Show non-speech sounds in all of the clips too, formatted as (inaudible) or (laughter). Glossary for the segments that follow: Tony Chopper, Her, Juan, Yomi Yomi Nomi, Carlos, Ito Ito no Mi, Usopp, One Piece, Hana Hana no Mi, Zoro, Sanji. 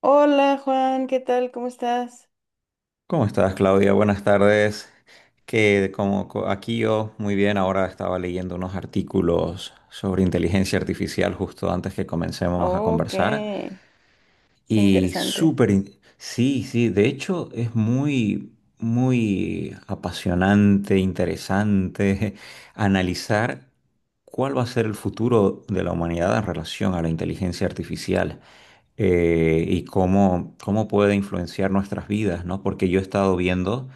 Hola Juan, ¿qué tal? ¿Cómo estás? ¿Cómo estás, Claudia? Buenas tardes. Aquí yo muy bien, ahora estaba leyendo unos artículos sobre inteligencia artificial justo antes que comencemos a Oh, conversar qué, qué y interesante. súper, sí, sí, de hecho es muy, muy apasionante, interesante (laughs) analizar cuál va a ser el futuro de la humanidad en relación a la inteligencia artificial y cómo puede influenciar nuestras vidas, ¿no? Porque yo he estado viendo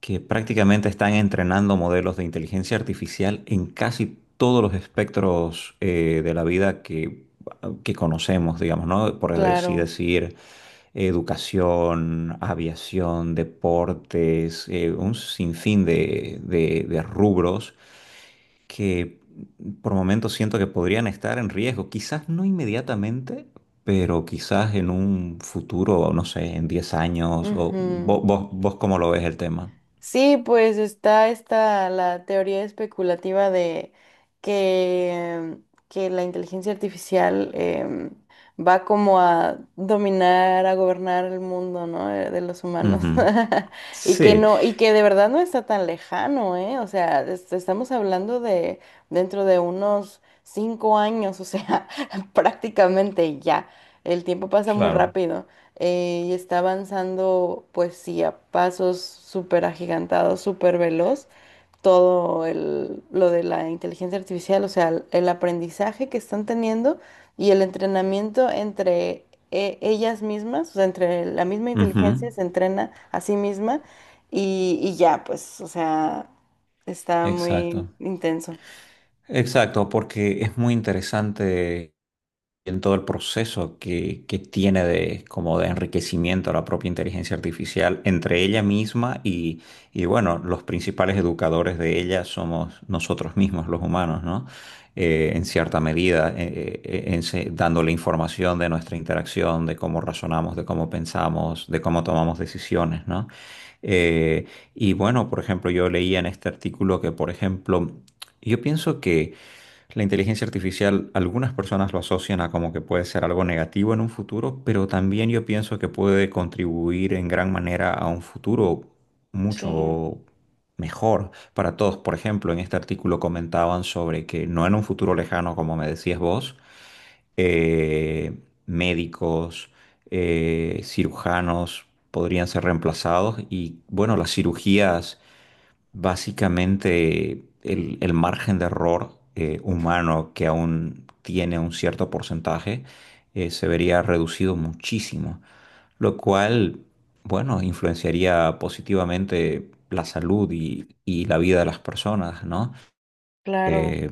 que prácticamente están entrenando modelos de inteligencia artificial en casi todos los espectros de la vida que conocemos, digamos, ¿no? Por así Claro. decir: educación, aviación, deportes, un sinfín de rubros que por momentos siento que podrían estar en riesgo, quizás no inmediatamente, pero quizás en un futuro, no sé, en 10 años, o Ujú. Vos cómo lo ves el tema. Sí, pues está esta la teoría especulativa que, que la inteligencia artificial va como a dominar, a gobernar el mundo, ¿no? De los humanos. Ujú. (laughs) Y que Sí, no, y que de verdad no está tan lejano, ¿eh? O sea, estamos hablando de dentro de unos cinco años, o sea, (laughs) prácticamente ya. El tiempo pasa muy claro. rápido y está avanzando, pues sí, a pasos súper agigantados, súper veloz. Todo lo de la inteligencia artificial, o sea, el aprendizaje que están teniendo y el entrenamiento entre ellas mismas, o sea, entre la misma inteligencia Ujú. se entrena a sí misma y ya, pues, o sea, está muy Exacto. intenso. Exacto, porque es muy interesante en todo el proceso que tiene de, como de enriquecimiento a la propia inteligencia artificial entre ella misma y, bueno, los principales educadores de ella somos nosotros mismos, los humanos, ¿no? En cierta medida, dándole información de nuestra interacción, de cómo razonamos, de cómo pensamos, de cómo tomamos decisiones, ¿no? Eh, y bueno, por ejemplo, yo leía en este artículo que, por ejemplo, yo pienso que la inteligencia artificial, algunas personas lo asocian a como que puede ser algo negativo en un futuro, pero también yo pienso que puede contribuir en gran manera a un futuro Sí, mucho mejor para todos. Por ejemplo, en este artículo comentaban sobre que no en un futuro lejano, como me decías vos, eh, médicos, cirujanos podrían ser reemplazados y bueno, las cirugías... Básicamente, el margen de error humano que aún tiene un cierto porcentaje se vería reducido muchísimo, lo cual, bueno, influenciaría positivamente la salud y la vida de las personas, ¿no? claro. Eh,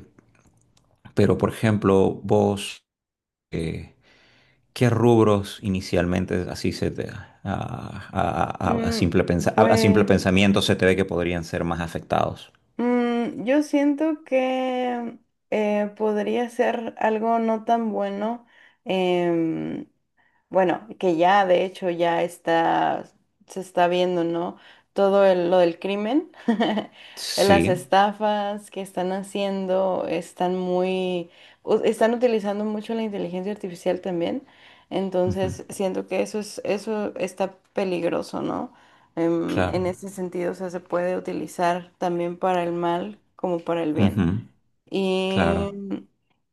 pero, por ejemplo, vos, eh, ¿qué rubros inicialmente así se te, a Mm, simple pensa- a simple pues. pensamiento se te ve que podrían ser más afectados? Mm, yo siento que podría ser algo no tan bueno. em, bueno, que ya de hecho ya está, se está viendo, ¿no? Todo lo del crimen, (laughs) las Sí. estafas que están haciendo, están utilizando mucho la inteligencia artificial también. Ujú, Entonces, siento que eso está peligroso, ¿no? Em, claro, en ese sentido, o sea, se puede utilizar también para el mal como para el bien. ujú, Y, claro,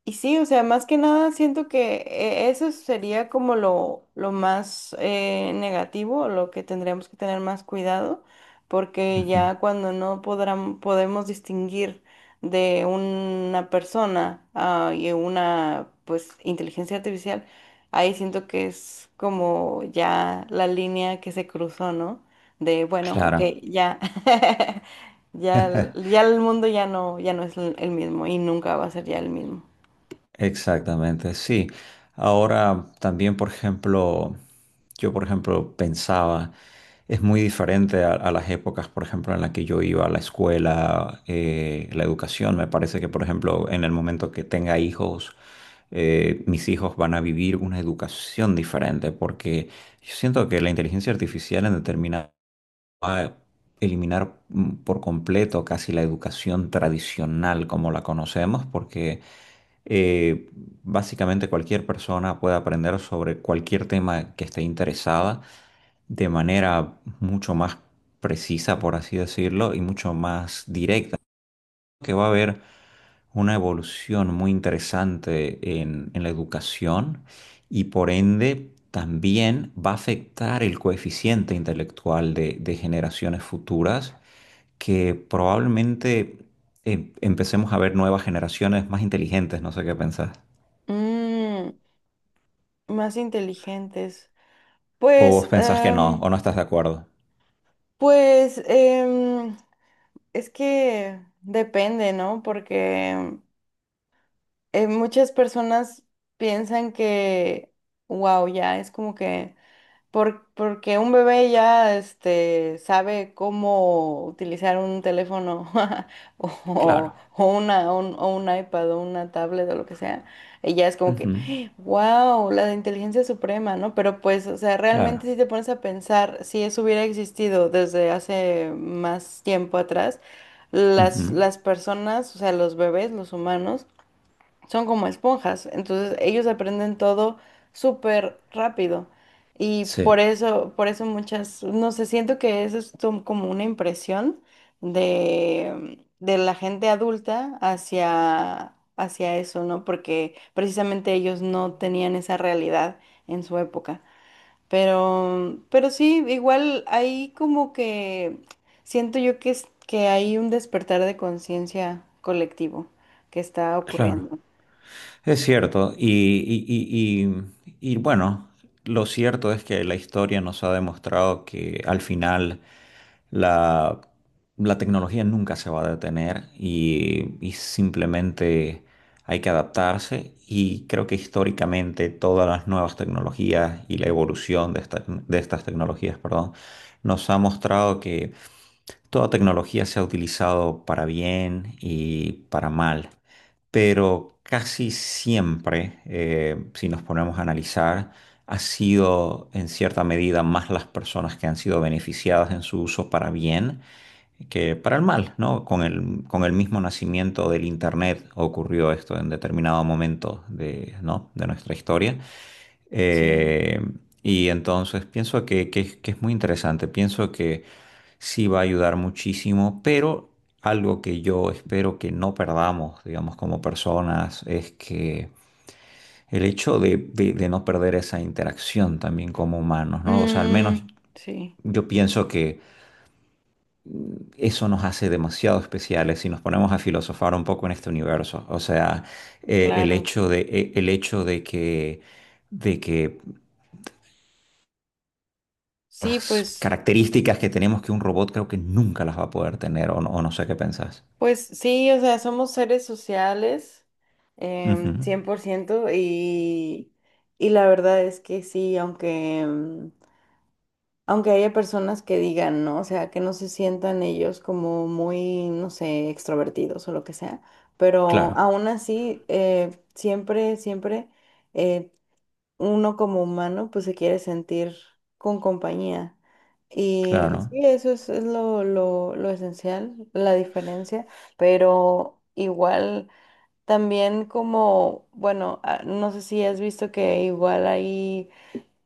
y sí, o sea, más que nada siento que eso sería como lo más negativo, lo que tendríamos que tener más cuidado, porque ujú, ya cuando no podrán, podemos distinguir de una persona y una pues inteligencia artificial, ahí siento que es como ya la línea que se cruzó, ¿no? De bueno, ok, claro, ya. (laughs) Ya, ya el mundo ya no, ya no es el mismo y nunca va a ser ya el mismo. exactamente, sí. Ahora también, por ejemplo, yo, por ejemplo, pensaba, es muy diferente a las épocas, por ejemplo, en las que yo iba a la escuela, la educación, me parece que, por ejemplo, en el momento que tenga hijos, mis hijos van a vivir una educación diferente, porque yo siento que la inteligencia artificial en determinado a eliminar por completo casi la educación tradicional como la conocemos, porque eh, básicamente cualquier persona puede aprender sobre cualquier tema que esté interesada de manera mucho más precisa, por así decirlo, y mucho más directa, que va a haber una evolución muy interesante en la educación y por ende... También va a afectar el coeficiente intelectual de generaciones futuras, que probablemente empecemos a ver nuevas generaciones más inteligentes, no sé qué pensás. Mm, más inteligentes. O Pues, vos pensás que no, o em, no estás de acuerdo. pues, es que depende, ¿no? Porque muchas personas piensan que, wow, ya es como que porque un bebé ya este, sabe cómo utilizar un teléfono (laughs) Claro. O un iPad o una tablet o lo que sea. Y ya es como Ujú, que, wow, la de inteligencia suprema, ¿no? Pero pues, o sea, realmente claro. si te pones a pensar, si eso hubiera existido desde hace más tiempo atrás, Ujú, las personas, o sea, los bebés, los humanos, son como esponjas, entonces ellos aprenden todo súper rápido y sí, por eso muchas, no sé, siento que eso es como una impresión de la gente adulta hacia, hacia eso, ¿no? Porque precisamente ellos no tenían esa realidad en su época. Pero sí, igual hay como que siento yo que, que hay un despertar de conciencia colectivo que está claro. ocurriendo. Es cierto, y, y, y bueno, lo cierto es que la historia nos ha demostrado que al final la, la tecnología nunca se va a detener y simplemente hay que adaptarse y creo que históricamente todas las nuevas tecnologías y la evolución de estas tecnologías, perdón, nos ha mostrado que toda tecnología se ha utilizado para bien y para mal, pero casi siempre, si nos ponemos a analizar, ha sido en cierta medida más las personas que han sido beneficiadas en su uso para bien que para el mal, ¿no? Con el mismo nacimiento del Internet ocurrió esto en determinado momento de, ¿no?, de nuestra historia. Sí. Eh, y entonces pienso que es muy interesante. Pienso que sí va a ayudar muchísimo, pero algo que yo espero que no perdamos, digamos, como personas, es que el hecho de no perder esa interacción también como humanos, ¿no? O sea, al menos Mm, sí, yo pienso que eso nos hace demasiado especiales si nos ponemos a filosofar un poco en este universo. O sea, claro. El hecho de que Sí, las pues, características que tenemos que un robot creo que nunca las va a poder tener, o no sé qué pensás. pues sí, o sea, somos seres sociales, Ujú, 100% y la verdad es que sí, aunque, aunque haya personas que digan, ¿no? O sea, que no se sientan ellos como muy, no sé, extrovertidos o lo que sea, pero claro. aún así, siempre... eh, Uno como humano pues se quiere sentir con compañía. Y, Sí. Claro. Y sí, eso es lo esencial, la diferencia, pero igual también como, bueno, ah, no sé si has visto que igual hay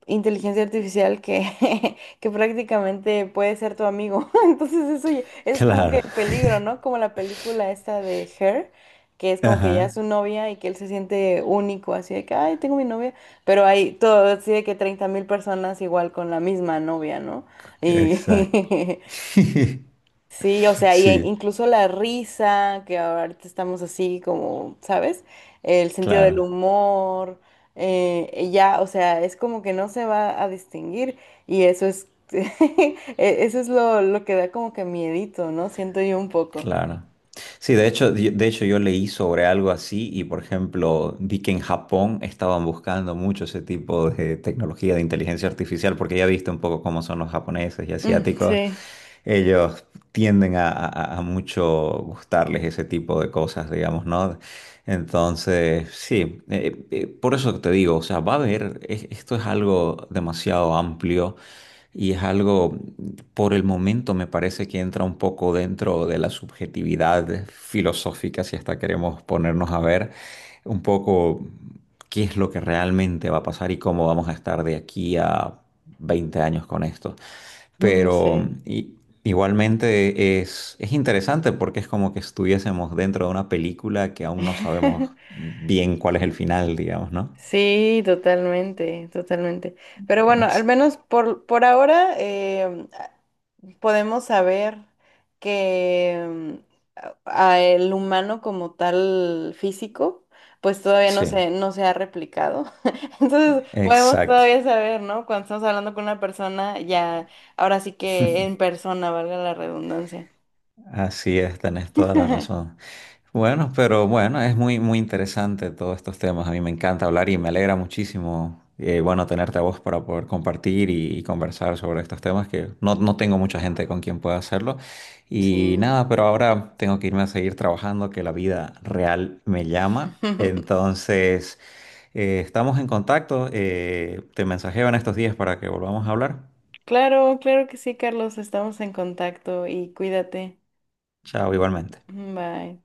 inteligencia artificial que, (laughs) que prácticamente puede ser tu amigo. (laughs) Entonces eso es como que Claro. el peligro, ¿no? Como la película esta de Her, que es (laughs) como que ya es su Ajá, novia y que él se siente único, así de que, ay, tengo mi novia, pero hay todo, así de que 30 mil personas igual con la misma novia, ¿no? exacto. Y, (laughs) (laughs) sí, o sea, y Sí, incluso la risa, que ahorita estamos así como, ¿sabes? El sentido claro, del humor, ya, o sea, es como que no se va a distinguir y (laughs) eso es lo que da como que miedito, ¿no? Siento yo un poco. claro. Sí, de hecho, de hecho yo leí sobre algo así y, por ejemplo, vi que en Japón estaban buscando mucho ese tipo de tecnología de inteligencia artificial porque ya viste un poco cómo son los japoneses y Mm, asiáticos. sí, Ellos tienden a mucho gustarles ese tipo de cosas, digamos, ¿no? Entonces, sí, por eso te digo, o sea, va a haber, esto es algo demasiado amplio y es algo, por el momento me parece que entra un poco dentro de la subjetividad filosófica, si hasta queremos ponernos a ver un poco qué es lo que realmente va a pasar y cómo vamos a estar de aquí a 20 años con esto. mm, Pero sí. i- igualmente es interesante porque es como que estuviésemos dentro de una película que aún no sabemos (laughs) bien cuál es el final, digamos, ¿no? Sí, totalmente, totalmente. Pero bueno, al Así- menos por ahora podemos saber que a- a el humano como tal físico, pues todavía no Sí, se, no se ha replicado. (laughs) Entonces podemos exacto. todavía saber, ¿no? Cuando estamos hablando con una persona, ya, ahora sí que en (laughs) persona, valga la redundancia. Así es, tenés toda la (laughs) razón. Bueno, pero bueno, es muy, muy interesante todos estos temas. A mí me encanta hablar y me alegra muchísimo, bueno, tenerte a vos para poder compartir y conversar sobre estos temas que no, no tengo mucha gente con quien pueda hacerlo. Y Sí. nada, pero ahora tengo que irme a seguir trabajando, que la vida real me llama. (laughs) Entonces, estamos en contacto. Te mensajeo en estos días para que volvamos a hablar. Claro, claro que sí, Carlos, estamos en contacto y cuídate. Chao, igualmente. Bye.